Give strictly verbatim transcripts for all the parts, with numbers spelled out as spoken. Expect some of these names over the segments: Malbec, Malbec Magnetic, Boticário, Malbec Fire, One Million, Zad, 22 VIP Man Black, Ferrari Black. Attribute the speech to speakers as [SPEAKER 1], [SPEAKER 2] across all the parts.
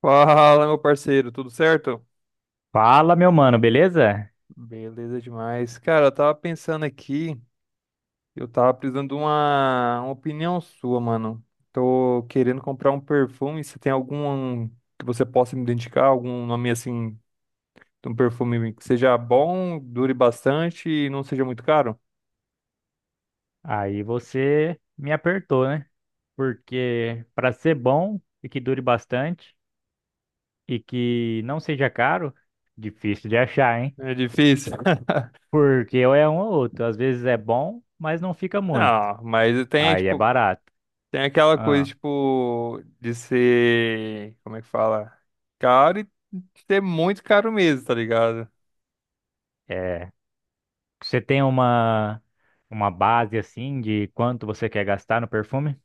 [SPEAKER 1] Fala, meu parceiro, tudo certo?
[SPEAKER 2] Fala, meu mano, beleza?
[SPEAKER 1] Beleza demais. Cara, eu tava pensando aqui, eu tava precisando de uma, uma opinião sua, mano. Tô querendo comprar um perfume, se tem algum que você possa me indicar, algum nome assim, de um perfume que seja bom, dure bastante e não seja muito caro?
[SPEAKER 2] Aí você me apertou, né? Porque para ser bom e que dure bastante e que não seja caro, difícil de achar, hein?
[SPEAKER 1] É difícil.
[SPEAKER 2] Porque ou é um ou outro. Às vezes é bom, mas não fica muito.
[SPEAKER 1] Não, mas tem,
[SPEAKER 2] Aí é
[SPEAKER 1] tipo,
[SPEAKER 2] barato.
[SPEAKER 1] tem aquela coisa,
[SPEAKER 2] Ah,
[SPEAKER 1] tipo, de ser, como é que fala? Caro e ser muito caro mesmo, tá ligado?
[SPEAKER 2] é. Você tem uma uma base assim de quanto você quer gastar no perfume?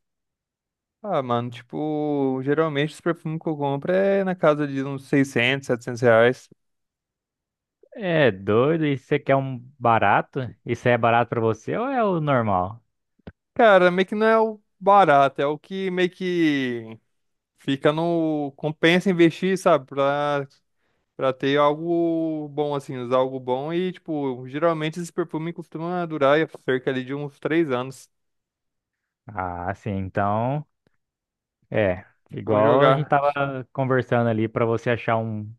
[SPEAKER 1] Ah, mano, tipo, geralmente os perfumes que eu compro é na casa de uns seiscentos setecentos reais.
[SPEAKER 2] É doido, e você quer um barato? Isso é barato para você ou é o normal?
[SPEAKER 1] Cara, meio que não é o barato, é o que meio que fica no... Compensa investir, sabe? Pra, pra ter algo bom, assim, usar algo bom. E, tipo, geralmente esses perfumes costumam durar cerca ali de uns três anos.
[SPEAKER 2] Ah, sim, então. É,
[SPEAKER 1] Vou
[SPEAKER 2] igual a gente
[SPEAKER 1] jogar.
[SPEAKER 2] tava conversando ali, para você achar um,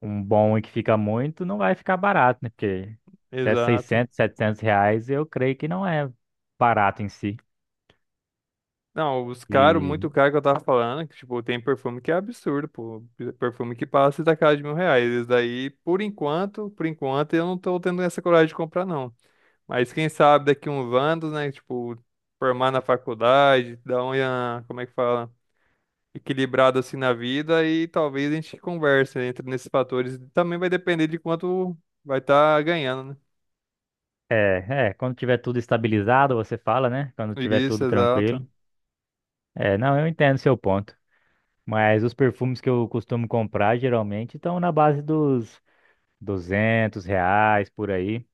[SPEAKER 2] um bom e que fica muito, não vai ficar barato, né? Porque até
[SPEAKER 1] Exato.
[SPEAKER 2] seiscentos, setecentos reais eu creio que não é barato em si.
[SPEAKER 1] Não, os caros,
[SPEAKER 2] E
[SPEAKER 1] muito caro que eu tava falando, que, tipo, tem perfume que é absurdo, pô. Perfume que passa da casa de mil reais. Esse daí, por enquanto, por enquanto, eu não tô tendo essa coragem de comprar, não. Mas quem sabe daqui uns anos, né? Tipo, formar na faculdade, dar uma, como é que fala? Equilibrado assim na vida e talvez a gente converse, né, entre nesses fatores. Também vai depender de quanto vai estar ganhando,
[SPEAKER 2] é, é, quando tiver tudo estabilizado, você fala, né? Quando
[SPEAKER 1] né?
[SPEAKER 2] tiver
[SPEAKER 1] Isso,
[SPEAKER 2] tudo
[SPEAKER 1] exato.
[SPEAKER 2] tranquilo. É, não, eu entendo seu ponto. Mas os perfumes que eu costumo comprar geralmente estão na base dos duzentos reais por aí.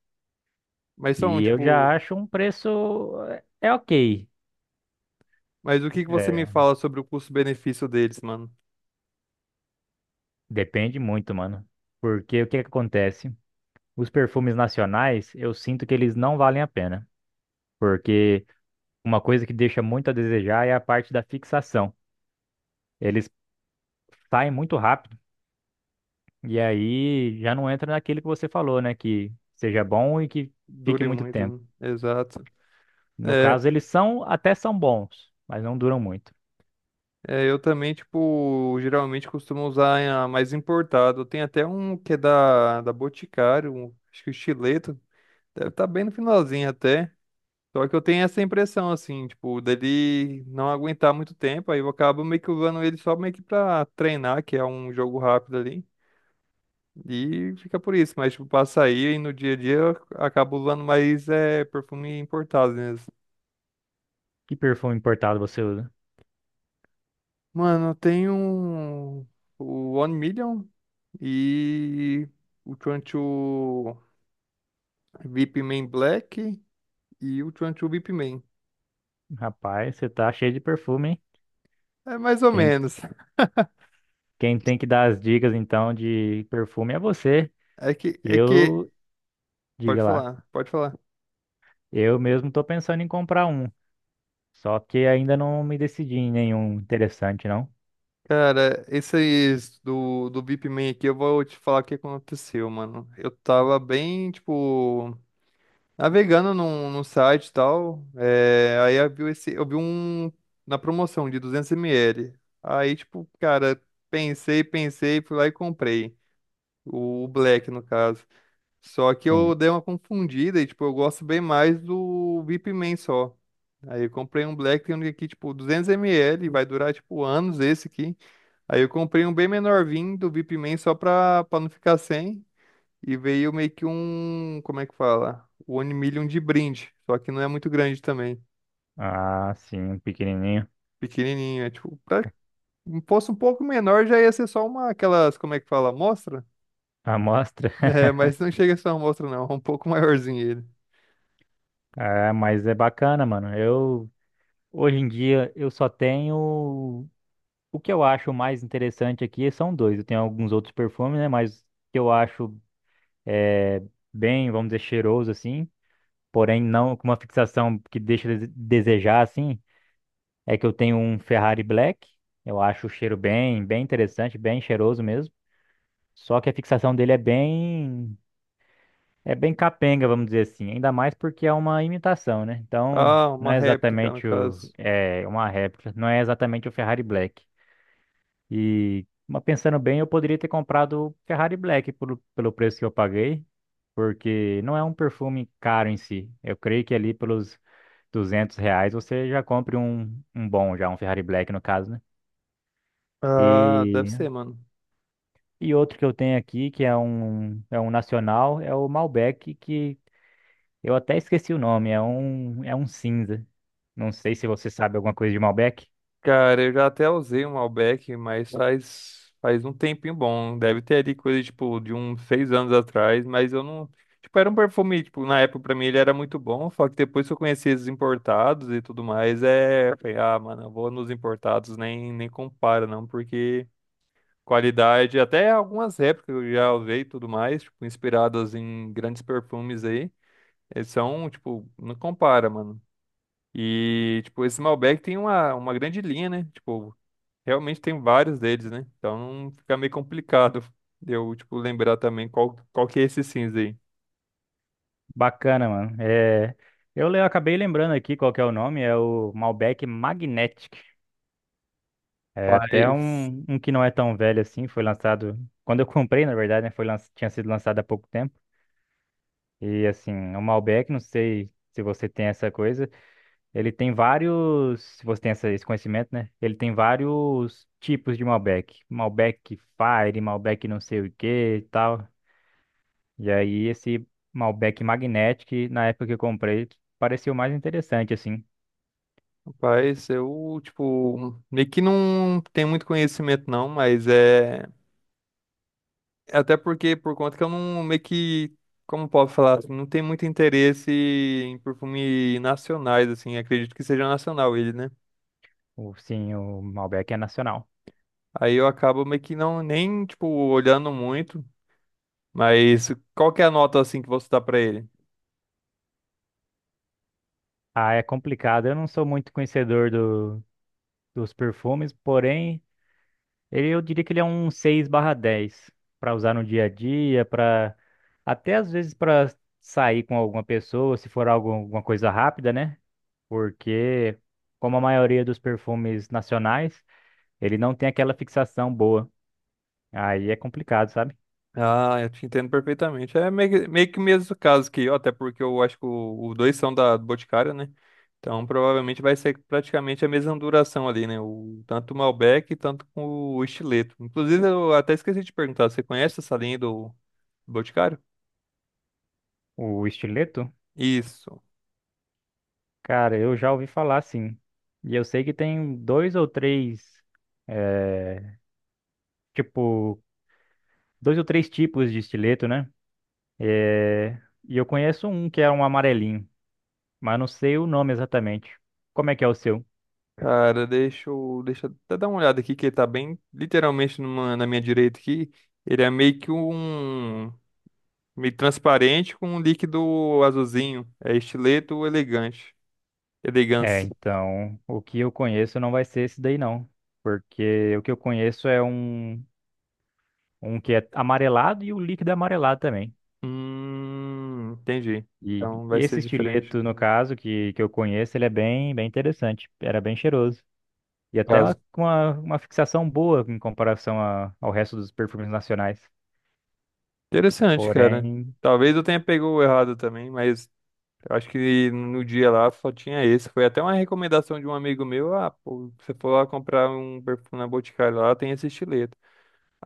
[SPEAKER 1] Mas são,
[SPEAKER 2] E eu já
[SPEAKER 1] tipo,
[SPEAKER 2] acho um preço é é ok.
[SPEAKER 1] mas o que que você me
[SPEAKER 2] É,
[SPEAKER 1] fala sobre o custo-benefício deles, mano?
[SPEAKER 2] depende muito, mano. Porque o que que acontece? Os perfumes nacionais, eu sinto que eles não valem a pena. Porque uma coisa que deixa muito a desejar é a parte da fixação. Eles saem muito rápido e aí já não entra naquilo que você falou, né? Que seja bom e que fique
[SPEAKER 1] Dure
[SPEAKER 2] muito
[SPEAKER 1] muito,
[SPEAKER 2] tempo.
[SPEAKER 1] né? Exato.
[SPEAKER 2] No
[SPEAKER 1] É,
[SPEAKER 2] caso, eles são, até são bons, mas não duram muito.
[SPEAKER 1] é, eu também, tipo, geralmente costumo usar a mais importado. Tem até um que é da, da Boticário, um- acho que o Chileto. Deve estar bem no finalzinho até. Só que eu tenho essa impressão, assim, tipo, dele não aguentar muito tempo. Aí eu acabo meio que usando ele só meio que pra treinar, que é um jogo rápido ali. E fica por isso. Mas, tipo, pra sair e no dia a dia eu acabo usando mais é, perfume importado, né?
[SPEAKER 2] Que perfume importado você usa?
[SPEAKER 1] Mano, tem um. O One Million e o vinte e dois VIP Man Black e o vinte e dois VIP Man.
[SPEAKER 2] Rapaz, você tá cheio de perfume, hein?
[SPEAKER 1] É mais ou
[SPEAKER 2] Quem,
[SPEAKER 1] menos.
[SPEAKER 2] Quem tem que dar as dicas, então, de perfume é você.
[SPEAKER 1] É que, é que.
[SPEAKER 2] Eu,
[SPEAKER 1] Pode
[SPEAKER 2] Diga lá.
[SPEAKER 1] falar, pode falar.
[SPEAKER 2] Eu mesmo tô pensando em comprar um, só que ainda não me decidi em nenhum interessante, não.
[SPEAKER 1] Cara, esses do, do BIP Man aqui, eu vou te falar o que aconteceu, mano. Eu tava bem, tipo. Navegando num, num site e tal, é, aí eu vi, esse, eu vi um na promoção de duzentos mililitros. Aí, tipo, cara, pensei, pensei, fui lá e comprei. O, o Black, no caso. Só que eu
[SPEAKER 2] Sim.
[SPEAKER 1] dei uma confundida e, tipo, eu gosto bem mais do Vip Man só. Aí eu comprei um Black, tem um aqui, tipo, duzentos mililitros, vai durar, tipo, anos esse aqui. Aí eu comprei um bem menorzinho do Vip Man só pra, pra não ficar sem. E veio meio que um, como é que fala? O One Million de brinde, só que não é muito grande também,
[SPEAKER 2] Ah, sim, um pequenininho.
[SPEAKER 1] pequenininho, é tipo, pra- fosse um pouco menor já ia ser só uma, aquelas, como é que fala, amostra?
[SPEAKER 2] A amostra.
[SPEAKER 1] É, mas não chega a ser uma amostra não, é um pouco maiorzinho ele.
[SPEAKER 2] É, mas é bacana, mano. Eu Hoje em dia eu só tenho o que eu acho mais interessante aqui são dois. Eu tenho alguns outros perfumes, né, mas o que eu acho é, bem, vamos dizer, cheiroso assim, porém não com uma fixação que deixa a dese- desejar assim. É que eu tenho um Ferrari Black. Eu acho o cheiro bem, bem interessante, bem cheiroso mesmo. Só que a fixação dele é bem, é bem capenga, vamos dizer assim. Ainda mais porque é uma imitação, né? Então,
[SPEAKER 1] Ah,
[SPEAKER 2] não
[SPEAKER 1] uma
[SPEAKER 2] é
[SPEAKER 1] réplica no
[SPEAKER 2] exatamente o,
[SPEAKER 1] caso.
[SPEAKER 2] é uma réplica, não é exatamente o Ferrari Black. E, mas pensando bem, eu poderia ter comprado o Ferrari Black pelo, pelo preço que eu paguei, porque não é um perfume caro em si. Eu creio que ali pelos duzentos reais você já compre um, um bom, já um Ferrari Black no caso, né?
[SPEAKER 1] Ah, deve
[SPEAKER 2] E
[SPEAKER 1] ser, mano.
[SPEAKER 2] E outro que eu tenho aqui, que é um, é um nacional, é o Malbec, que eu até esqueci o nome, é um, é um cinza. Não sei se você sabe alguma coisa de Malbec.
[SPEAKER 1] Cara, eu já até usei um Malbec, mas faz, faz um tempinho bom. Deve ter ali coisa, tipo, de uns seis anos atrás, mas eu não... Tipo, era um perfume, tipo, na época pra mim ele era muito bom, só que depois que eu conheci esses importados e tudo mais, é... eu falei, ah, mano, eu vou nos importados, nem, nem compara, não, porque qualidade, até algumas épocas eu já usei e tudo mais, tipo, inspiradas em grandes perfumes aí, eles são, tipo, não compara, mano. E, tipo, esse Malbec tem uma, uma grande linha, né? Tipo, realmente tem vários deles, né? Então fica meio complicado de eu, tipo, lembrar também qual, qual que é esse cinza aí.
[SPEAKER 2] Bacana, mano. É, eu le- acabei lembrando aqui qual que é o nome, é o Malbec Magnetic. É até
[SPEAKER 1] Mas,
[SPEAKER 2] um, um que não é tão velho assim, foi lançado... Quando eu comprei, na verdade, né, foi lan- tinha sido lançado há pouco tempo. E assim, o Malbec, não sei se você tem essa coisa, ele tem vários, se você tem essa- esse conhecimento, né? Ele tem vários tipos de Malbec. Malbec Fire, Malbec não sei o que e tal. E aí esse Malbec Magnetic, na época que eu comprei, pareceu mais interessante, assim.
[SPEAKER 1] rapaz, eu, tipo, meio que não tenho muito conhecimento não, mas é... é até porque, por conta que eu não, meio que, como posso falar, assim, não tenho muito interesse em perfume nacionais, assim, acredito que seja nacional ele, né?
[SPEAKER 2] O, sim, o Malbec é nacional.
[SPEAKER 1] Aí eu acabo meio que não, nem, tipo, olhando muito, mas qual que é a nota, assim, que você dá pra ele?
[SPEAKER 2] Ah, é complicado. Eu não sou muito conhecedor do, dos perfumes, porém Ele, eu diria que ele é um seis barra dez para usar no dia a dia, para até às vezes para sair com alguma pessoa, se for algo, alguma coisa rápida, né? Porque como a maioria dos perfumes nacionais, ele não tem aquela fixação boa. Aí é complicado, sabe?
[SPEAKER 1] Ah, eu te entendo perfeitamente. É meio que, meio que o mesmo caso que eu, até porque eu acho que o- os dois são da do Boticário, né? Então provavelmente vai ser praticamente a mesma duração ali, né? O, tanto o Malbec, tanto com o estileto. Inclusive, eu até esqueci de perguntar, você conhece essa linha do Boticário?
[SPEAKER 2] O estileto,
[SPEAKER 1] Isso.
[SPEAKER 2] cara, eu já ouvi falar sim. E eu sei que tem dois ou três é, tipo, dois ou três tipos de estileto, né? É, e eu conheço um que é um amarelinho, mas não sei o nome exatamente. Como é que é o seu?
[SPEAKER 1] Cara, deixa eu, deixa eu até dar uma olhada aqui, que ele tá bem literalmente numa- na minha direita aqui. Ele é meio que um meio transparente com um líquido azulzinho. É estileto elegante.
[SPEAKER 2] É,
[SPEAKER 1] Elegância.
[SPEAKER 2] então, o que eu conheço não vai ser esse daí não, porque o que eu conheço é um um que é amarelado e o líquido é amarelado também.
[SPEAKER 1] Hum, entendi.
[SPEAKER 2] E,
[SPEAKER 1] Então vai
[SPEAKER 2] e esse
[SPEAKER 1] ser diferente.
[SPEAKER 2] estileto, no caso, que, que eu conheço, ele é bem, bem interessante, era bem cheiroso. E até
[SPEAKER 1] Caso.
[SPEAKER 2] uma- com uma, uma fixação boa em comparação a- ao resto dos perfumes nacionais.
[SPEAKER 1] Interessante, cara.
[SPEAKER 2] Porém,
[SPEAKER 1] Talvez eu tenha pegou errado também, mas eu acho que no dia lá só tinha esse. Foi até uma recomendação de um amigo meu. Ah, pô, você for lá comprar um perfume na Boticário lá, tem esse estileto.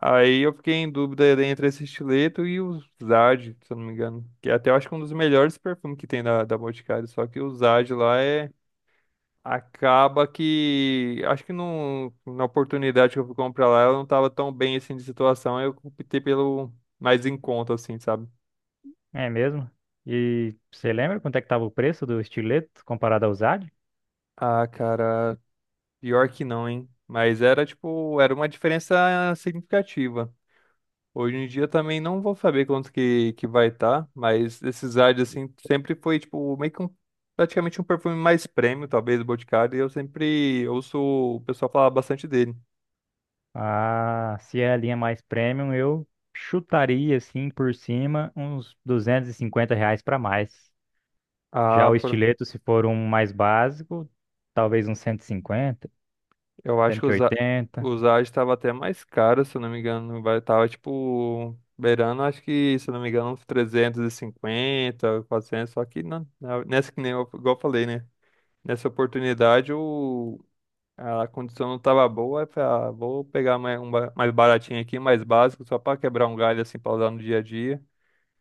[SPEAKER 1] Aí eu fiquei em dúvida entre esse estileto e o Zad, se eu não me engano. Que é até eu acho que é um dos melhores perfumes que tem da, da Boticário. Só que o Zad lá é acaba que, acho que não, na oportunidade que eu fui comprar lá, eu não tava tão bem assim de situação, aí eu optei pelo mais em conta, assim, sabe?
[SPEAKER 2] é mesmo. E você lembra quanto é que estava o preço do estileto comparado ao Zad?
[SPEAKER 1] Ah, cara, pior que não, hein? Mas era tipo, era uma diferença significativa. Hoje em dia também não vou saber quanto que, que vai estar, tá, mas esses ads assim sempre foi tipo meio que um, praticamente um perfume mais premium, talvez do Boticário, e eu sempre ouço o pessoal falar bastante dele.
[SPEAKER 2] Ah, se é a linha mais premium, eu chutaria assim por cima uns duzentos e cinquenta reais para mais. Já o
[SPEAKER 1] Ah,
[SPEAKER 2] estileto, se for um mais básico, talvez uns cento cento e cinquenta,
[SPEAKER 1] eu acho que
[SPEAKER 2] cento e
[SPEAKER 1] usar
[SPEAKER 2] oitenta.
[SPEAKER 1] usar estava até mais caro, se eu não me engano, vai tava tipo beirando, acho que, se eu não me engano, uns trezentos e cinquenta quatrocentos só que não, na- nessa que nem eu, igual eu falei, né? Nessa oportunidade o a condição não tava boa, aí eu falei, ah, vou pegar mais um ba- mais baratinho aqui, mais básico, só para quebrar um galho assim para usar no dia a dia,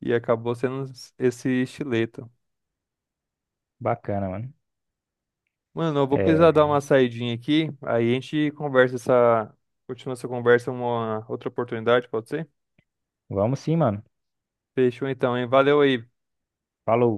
[SPEAKER 1] e acabou sendo esse estileta.
[SPEAKER 2] Bacana, mano.
[SPEAKER 1] Mano, eu vou precisar dar
[SPEAKER 2] É,
[SPEAKER 1] uma saidinha aqui, aí a gente conversa essa, continua essa conversa em uma outra oportunidade, pode ser?
[SPEAKER 2] vamos sim, mano.
[SPEAKER 1] Fechou então, hein? Valeu aí.
[SPEAKER 2] Falou.